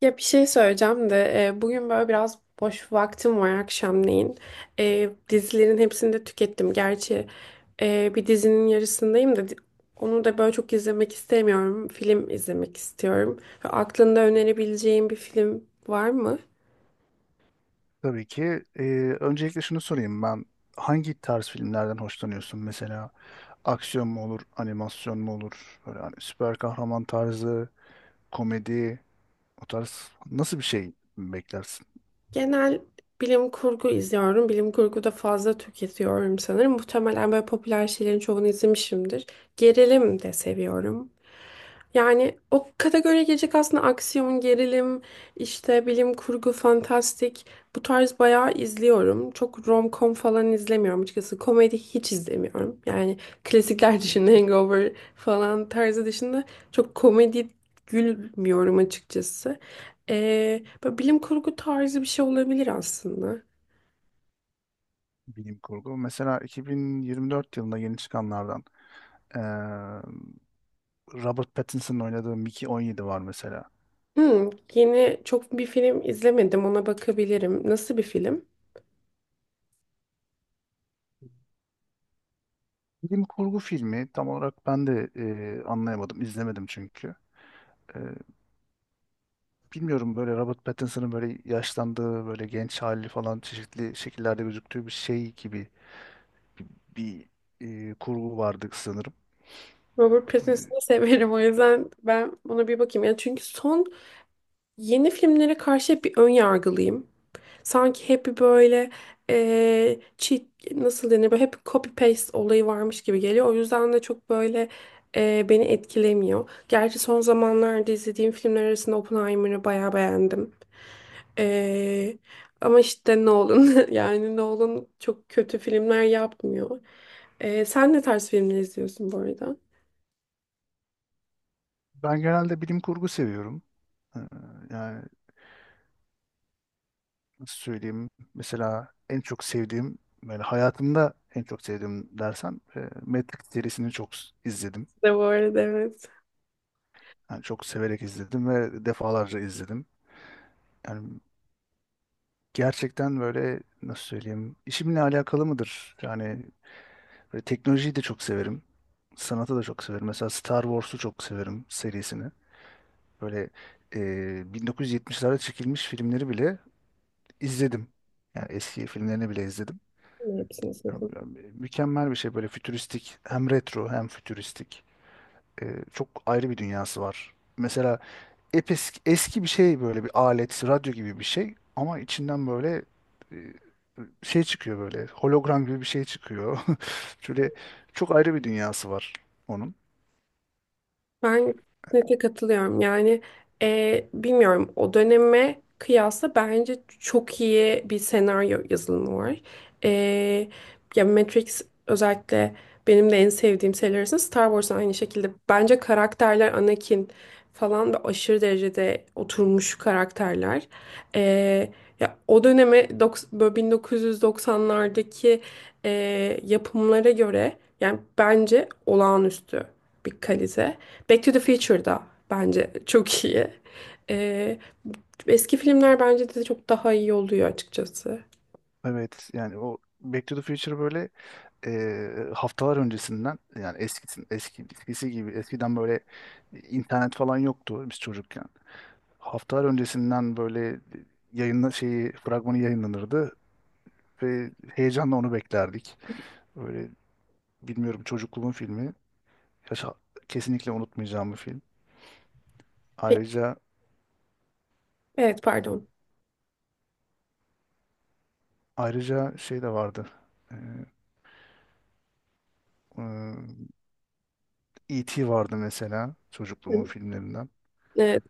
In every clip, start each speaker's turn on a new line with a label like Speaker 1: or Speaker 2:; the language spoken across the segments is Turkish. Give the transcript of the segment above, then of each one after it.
Speaker 1: Ya bir şey söyleyeceğim de bugün böyle biraz boş vaktim var akşamleyin. Dizilerin hepsini de tükettim. Gerçi bir dizinin yarısındayım da onu da böyle çok izlemek istemiyorum. Film izlemek istiyorum. Ve aklında önerebileceğim bir film var mı?
Speaker 2: Tabii ki. Öncelikle şunu sorayım ben. Hangi tarz filmlerden hoşlanıyorsun? Mesela aksiyon mu olur, animasyon mu olur? Böyle hani süper kahraman tarzı, komedi, o tarz nasıl bir şey beklersin?
Speaker 1: Genel bilim kurgu izliyorum. Bilim kurgu da fazla tüketiyorum sanırım. Muhtemelen böyle popüler şeylerin çoğunu izlemişimdir. Gerilim de seviyorum. Yani o kategoriye girecek aslında aksiyon, gerilim, işte bilim kurgu, fantastik bu tarz bayağı izliyorum. Çok rom-com falan izlemiyorum açıkçası. Komedi hiç izlemiyorum. Yani klasikler dışında Hangover falan tarzı dışında çok komedi gülmüyorum açıkçası. Böyle bilim kurgu tarzı bir şey olabilir aslında.
Speaker 2: Bilim kurgu. Mesela 2024 yılında yeni çıkanlardan ee, Robert Pattinson'ın oynadığı Mickey 17 var mesela.
Speaker 1: Hmm, yeni çok bir film izlemedim, ona bakabilirim. Nasıl bir film?
Speaker 2: Bilim kurgu filmi tam olarak ben de anlayamadım, izlemedim çünkü. Bilmiyorum, böyle Robert Pattinson'ın böyle yaşlandığı, böyle genç hali falan çeşitli şekillerde gözüktüğü bir şey gibi bir kurgu vardı sanırım.
Speaker 1: Robert
Speaker 2: E,
Speaker 1: Pattinson'ı severim, o yüzden ben buna bir bakayım. Yani çünkü son yeni filmlere karşı hep bir ön yargılıyım. Sanki hep bir böyle cheat, nasıl denir, böyle hep copy paste olayı varmış gibi geliyor. O yüzden de çok böyle beni etkilemiyor. Gerçi son zamanlarda izlediğim filmler arasında Oppenheimer'ı bayağı beğendim. Eee, Ama işte Nolan yani Nolan çok kötü filmler yapmıyor. Sen ne tarz filmler izliyorsun bu arada?
Speaker 2: Ben genelde bilim kurgu seviyorum. E, Yani nasıl söyleyeyim? Mesela en çok sevdiğim, böyle hayatımda en çok sevdiğim dersen Matrix serisini izledim.
Speaker 1: De bu arada evet.
Speaker 2: Yani çok severek izledim ve defalarca izledim. Yani gerçekten böyle nasıl söyleyeyim? İşimle alakalı mıdır? Yani böyle teknolojiyi de çok severim. Sanatı da çok severim. Mesela Star Wars'u çok severim, serisini. Böyle e, 1970'lerde çekilmiş filmleri bile izledim. Yani eski filmlerini bile izledim.
Speaker 1: Hepsini sildim.
Speaker 2: Yani mükemmel bir şey böyle, fütüristik. Hem retro hem fütüristik. E, Çok ayrı bir dünyası var. Mesela eski bir şey böyle, bir alet, radyo gibi bir şey. Ama içinden böyle e, şey çıkıyor böyle. Hologram gibi bir şey çıkıyor. Şöyle çok ayrı bir dünyası var onun.
Speaker 1: Ben kesinlikle katılıyorum. Yani bilmiyorum, o döneme kıyasla bence çok iyi bir senaryo yazılımı var. E, Ya Matrix özellikle benim de en sevdiğim seriler arasında. Star Wars aynı şekilde. Bence karakterler, Anakin falan da aşırı derecede oturmuş karakterler. E, Ya o döneme böyle 1990'lardaki e, yapımlara göre yani bence olağanüstü bir kalite. Back to the Future da bence çok iyi. Ee, Eski filmler bence de çok daha iyi oluyor açıkçası.
Speaker 2: Evet yani o Back to the Future böyle haftalar öncesinden, yani eskisi gibi, eskiden böyle internet falan yoktu biz çocukken. Haftalar öncesinden böyle şeyi, fragmanı yayınlanırdı ve heyecanla onu beklerdik. Böyle, bilmiyorum, çocukluğumun filmi. Yaşa- Kesinlikle unutmayacağım bir film.
Speaker 1: Peki,
Speaker 2: Ayrıca,
Speaker 1: evet pardon.
Speaker 2: şey de vardı. E, e, E.T. vardı mesela, çocukluğumun filmlerinden.
Speaker 1: Ee,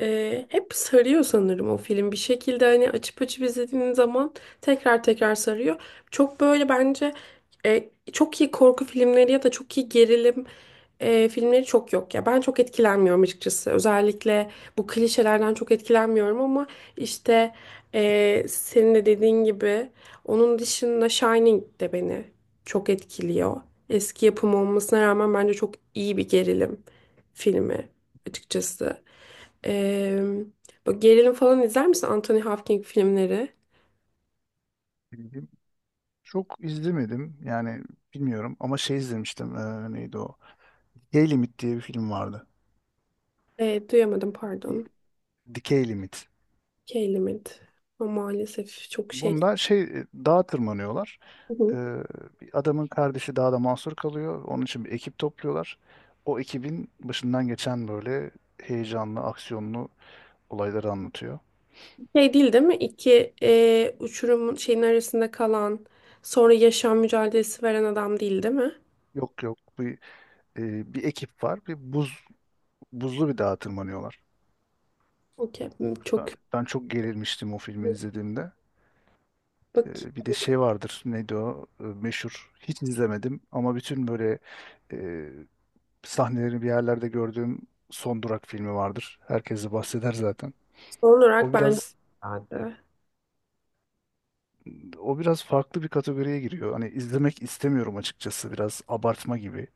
Speaker 1: Hep sarıyor sanırım o film. Bir şekilde hani açıp açıp izlediğin zaman tekrar tekrar sarıyor. Çok böyle bence çok iyi korku filmleri ya da çok iyi gerilim filmleri çok yok ya. Ben çok etkilenmiyorum açıkçası. Özellikle bu klişelerden çok etkilenmiyorum ama işte senin de dediğin gibi onun dışında Shining de beni çok etkiliyor. Eski yapım olmasına rağmen bence çok iyi bir gerilim filmi açıkçası. Ee, Bu gerilim falan izler misin? Anthony Hopkins filmleri.
Speaker 2: Çok izlemedim yani, bilmiyorum, ama şey izlemiştim, neydi o? Hey Limit diye bir film vardı.
Speaker 1: Duyamadım pardon.
Speaker 2: Dikey Limit.
Speaker 1: Keylimit. Ama maalesef çok şey.
Speaker 2: Bunda şey, dağa tırmanıyorlar.
Speaker 1: Hı hı.
Speaker 2: Eee, Bir adamın kardeşi dağda mahsur kalıyor. Onun için bir ekip topluyorlar. O ekibin başından geçen böyle heyecanlı, aksiyonlu olayları anlatıyor.
Speaker 1: Şey değil değil mi? İki uçurumun şeyin arasında kalan sonra yaşam mücadelesi veren adam değil değil mi?
Speaker 2: Yok, yok, bir ekip var. Bir buzlu bir dağa tırmanıyorlar.
Speaker 1: Okey. Çok
Speaker 2: Ben çok gerilmiştim o filmi izlediğimde.
Speaker 1: bak
Speaker 2: Bir de şey vardır, neydi o? Meşhur, hiç izlemedim ama bütün böyle e, sahnelerini bir yerlerde gördüğüm Son Durak filmi vardır. Herkes de bahseder zaten.
Speaker 1: son
Speaker 2: O
Speaker 1: olarak ben.
Speaker 2: biraz
Speaker 1: Hadi.
Speaker 2: O biraz farklı bir kategoriye giriyor. Hani izlemek istemiyorum açıkçası, biraz abartma gibi.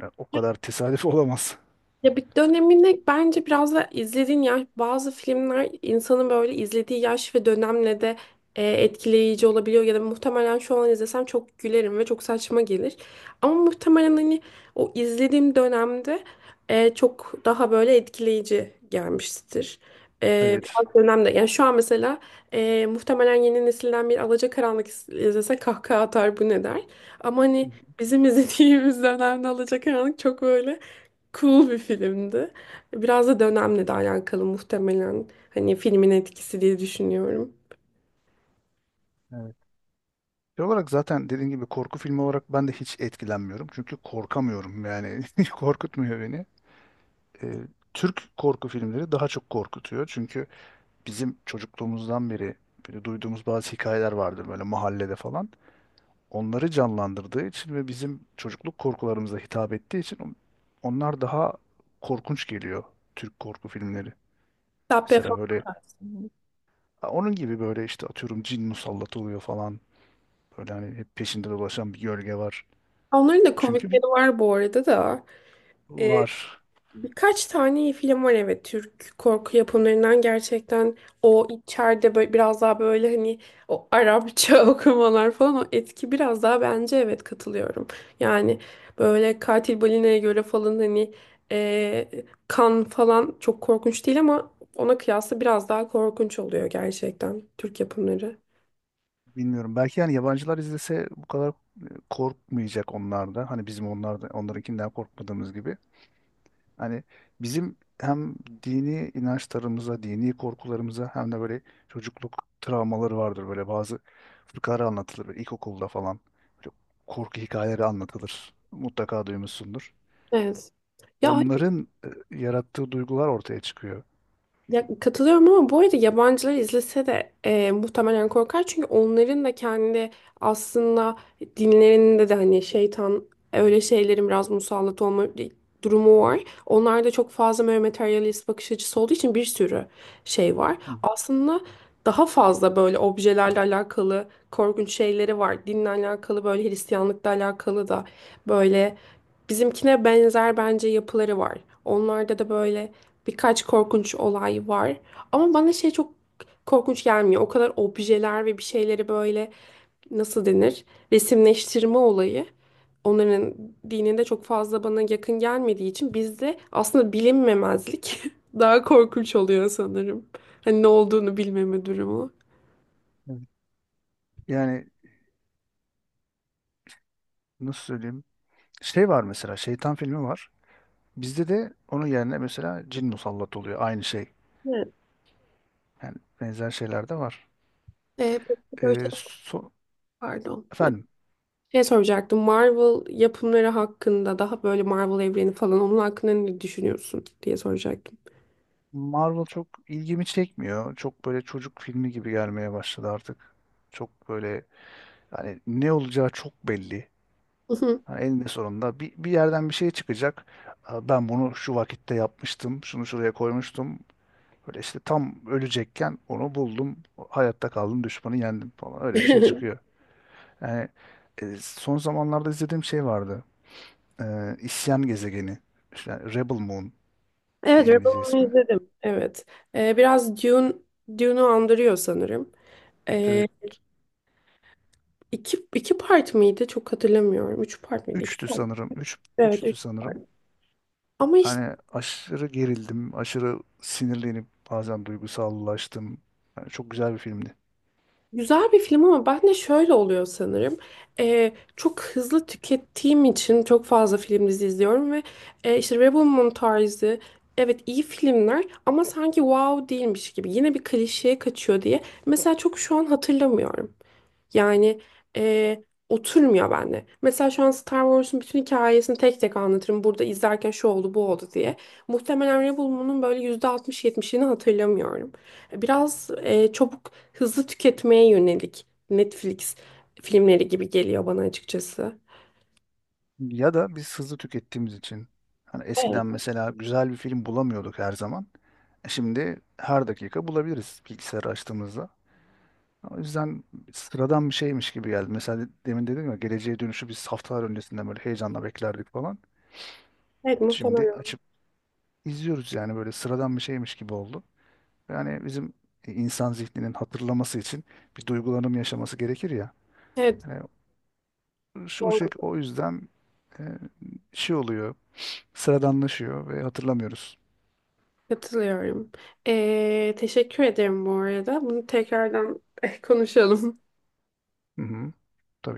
Speaker 2: Yani o kadar tesadüf olamaz.
Speaker 1: Ya bir döneminde bence biraz da izlediğin yaş, bazı filmler insanın böyle izlediği yaş ve dönemle de etkileyici olabiliyor ya da muhtemelen şu an izlesem çok gülerim ve çok saçma gelir. Ama muhtemelen hani o izlediğim dönemde çok daha böyle etkileyici gelmiştir.
Speaker 2: Evet.
Speaker 1: Biraz dönemde yani şu an mesela muhtemelen yeni nesilden bir Alacakaranlık izlese kahkaha atar, bu ne der. Ama
Speaker 2: Hı
Speaker 1: hani
Speaker 2: hı.
Speaker 1: bizim izlediğimiz dönemde Alacakaranlık çok böyle cool bir filmdi. Biraz da dönemle de alakalı muhtemelen. Hani filmin etkisi diye düşünüyorum.
Speaker 2: Evet. Şey olarak, zaten dediğim gibi, korku filmi olarak ben de hiç etkilenmiyorum. Çünkü korkamıyorum yani, korkutmuyor beni. Ee, Türk korku filmleri daha çok korkutuyor. Çünkü bizim çocukluğumuzdan beri böyle duyduğumuz bazı hikayeler vardır böyle mahallede falan. Onları canlandırdığı için ve bizim çocukluk korkularımıza hitap ettiği için onlar daha korkunç geliyor, Türk korku filmleri.
Speaker 1: Hatta
Speaker 2: Mesela böyle, ha, onun gibi böyle işte, atıyorum, cin musallat oluyor falan. Böyle hani hep peşinde dolaşan bir gölge var.
Speaker 1: onların da
Speaker 2: Çünkü
Speaker 1: komikleri
Speaker 2: bir
Speaker 1: var bu arada da. Ee,
Speaker 2: var.
Speaker 1: Birkaç tane iyi film var evet, Türk korku yapımlarından. Gerçekten o içeride böyle biraz daha böyle hani o Arapça okumalar falan, o etki biraz daha, bence evet katılıyorum. Yani böyle Katil Balina'ya göre falan hani e, kan falan çok korkunç değil ama ona kıyasla biraz daha korkunç oluyor gerçekten Türk yapımları.
Speaker 2: Bilmiyorum. Belki yani yabancılar izlese bu kadar korkmayacak onlar da. Hani bizim onlar da, onlarınkinden korkmadığımız gibi. Hani bizim hem dini inançlarımıza, dini korkularımıza hem de böyle çocukluk travmaları vardır. Böyle bazı fıkralar anlatılır böyle ilkokulda falan. Böyle korku hikayeleri anlatılır. Mutlaka duymuşsundur.
Speaker 1: Evet. Ya.
Speaker 2: Onların yarattığı duygular ortaya çıkıyor.
Speaker 1: Ya, katılıyorum ama bu arada yabancılar izlese de muhtemelen korkar. Çünkü onların da kendi aslında dinlerinde de hani şeytan, öyle şeylerin biraz musallat olma durumu var. Onlarda çok fazla böyle materyalist bakış açısı olduğu için bir sürü şey var.
Speaker 2: Hı,
Speaker 1: Aslında daha fazla böyle objelerle alakalı korkunç şeyleri var. Dinle alakalı böyle, Hristiyanlıkla alakalı da böyle bizimkine benzer bence yapıları var. Onlarda da böyle birkaç korkunç olay var. Ama bana şey çok korkunç gelmiyor. O kadar objeler ve bir şeyleri böyle nasıl denir? Resimleştirme olayı. Onların dininde çok fazla bana yakın gelmediği için, bizde aslında bilinmemezlik daha korkunç oluyor sanırım. Hani ne olduğunu bilmeme durumu.
Speaker 2: evet. Yani nasıl söyleyeyim? Şey var mesela, Şeytan filmi var. Bizde de onun yerine mesela cin musallat oluyor. Aynı şey.
Speaker 1: Evet.
Speaker 2: Yani benzer şeyler de var.
Speaker 1: Ee, peki böyle
Speaker 2: Ee,
Speaker 1: şey-
Speaker 2: so-
Speaker 1: Pardon.
Speaker 2: Efendim.
Speaker 1: Şey soracaktım. Marvel yapımları hakkında, daha böyle Marvel evreni falan, onun hakkında ne düşünüyorsun diye soracaktım.
Speaker 2: Marvel çok ilgimi çekmiyor. Çok böyle çocuk filmi gibi gelmeye başladı artık. Çok böyle, hani ne olacağı çok belli. Hani eninde sonunda bir yerden bir şey çıkacak. Ben bunu şu vakitte yapmıştım. Şunu şuraya koymuştum. Böyle işte tam ölecekken onu buldum. Hayatta kaldım. Düşmanı yendim falan. Öyle bir şey çıkıyor. Yani son zamanlarda izlediğim şey vardı. İsyan Gezegeni. İşte Rebel Moon
Speaker 1: Evet,
Speaker 2: diye İngilizce
Speaker 1: Rebel'ı
Speaker 2: ismi.
Speaker 1: izledim. Evet. Biraz Dune, Dune'u andırıyor sanırım. Ee,
Speaker 2: Evet.
Speaker 1: iki, iki part mıydı? Çok hatırlamıyorum. Üç part mıydı? İki
Speaker 2: Üçtü
Speaker 1: part.
Speaker 2: sanırım.
Speaker 1: Üç.
Speaker 2: Üç,
Speaker 1: Evet,
Speaker 2: üçtü
Speaker 1: üç part.
Speaker 2: sanırım.
Speaker 1: Ama işte
Speaker 2: Hani aşırı gerildim. Aşırı sinirlenip bazen duygusallaştım. Yani çok güzel bir filmdi.
Speaker 1: güzel bir film ama ben de şöyle oluyor sanırım. Çok hızlı tükettiğim için çok fazla film dizi izliyorum ve işte Rebel Moon tarzı, evet, iyi filmler ama sanki wow değilmiş gibi. Yine bir klişeye kaçıyor diye. Mesela çok şu an hatırlamıyorum. Yani oturmuyor bende. Mesela şu an Star Wars'un bütün hikayesini tek tek anlatırım. Burada izlerken şu oldu bu oldu diye. Muhtemelen Rebel'ımın böyle %60-70'ini hatırlamıyorum. Biraz çabuk hızlı tüketmeye yönelik Netflix filmleri gibi geliyor bana açıkçası.
Speaker 2: Ya da biz hızlı tükettiğimiz için. Hani
Speaker 1: Evet.
Speaker 2: eskiden mesela güzel bir film bulamıyorduk her zaman. Şimdi her dakika bulabiliriz bilgisayarı açtığımızda. O yüzden sıradan bir şeymiş gibi geldi. Mesela demin dedim ya, geleceğe dönüşü biz haftalar öncesinden böyle heyecanla beklerdik falan.
Speaker 1: Evet
Speaker 2: Şimdi
Speaker 1: muhtemelen.
Speaker 2: izliyoruz yani, böyle sıradan bir şeymiş gibi oldu. Yani bizim insan zihninin hatırlaması için bir duygulanım yaşaması gerekir ya.
Speaker 1: Evet
Speaker 2: Yani şu o şey
Speaker 1: doğru.
Speaker 2: o yüzden e, şey oluyor, sıradanlaşıyor ve hatırlamıyoruz.
Speaker 1: Katılıyorum. Teşekkür ederim bu arada. Bunu tekrardan konuşalım.
Speaker 2: Hı hı, tabii ki.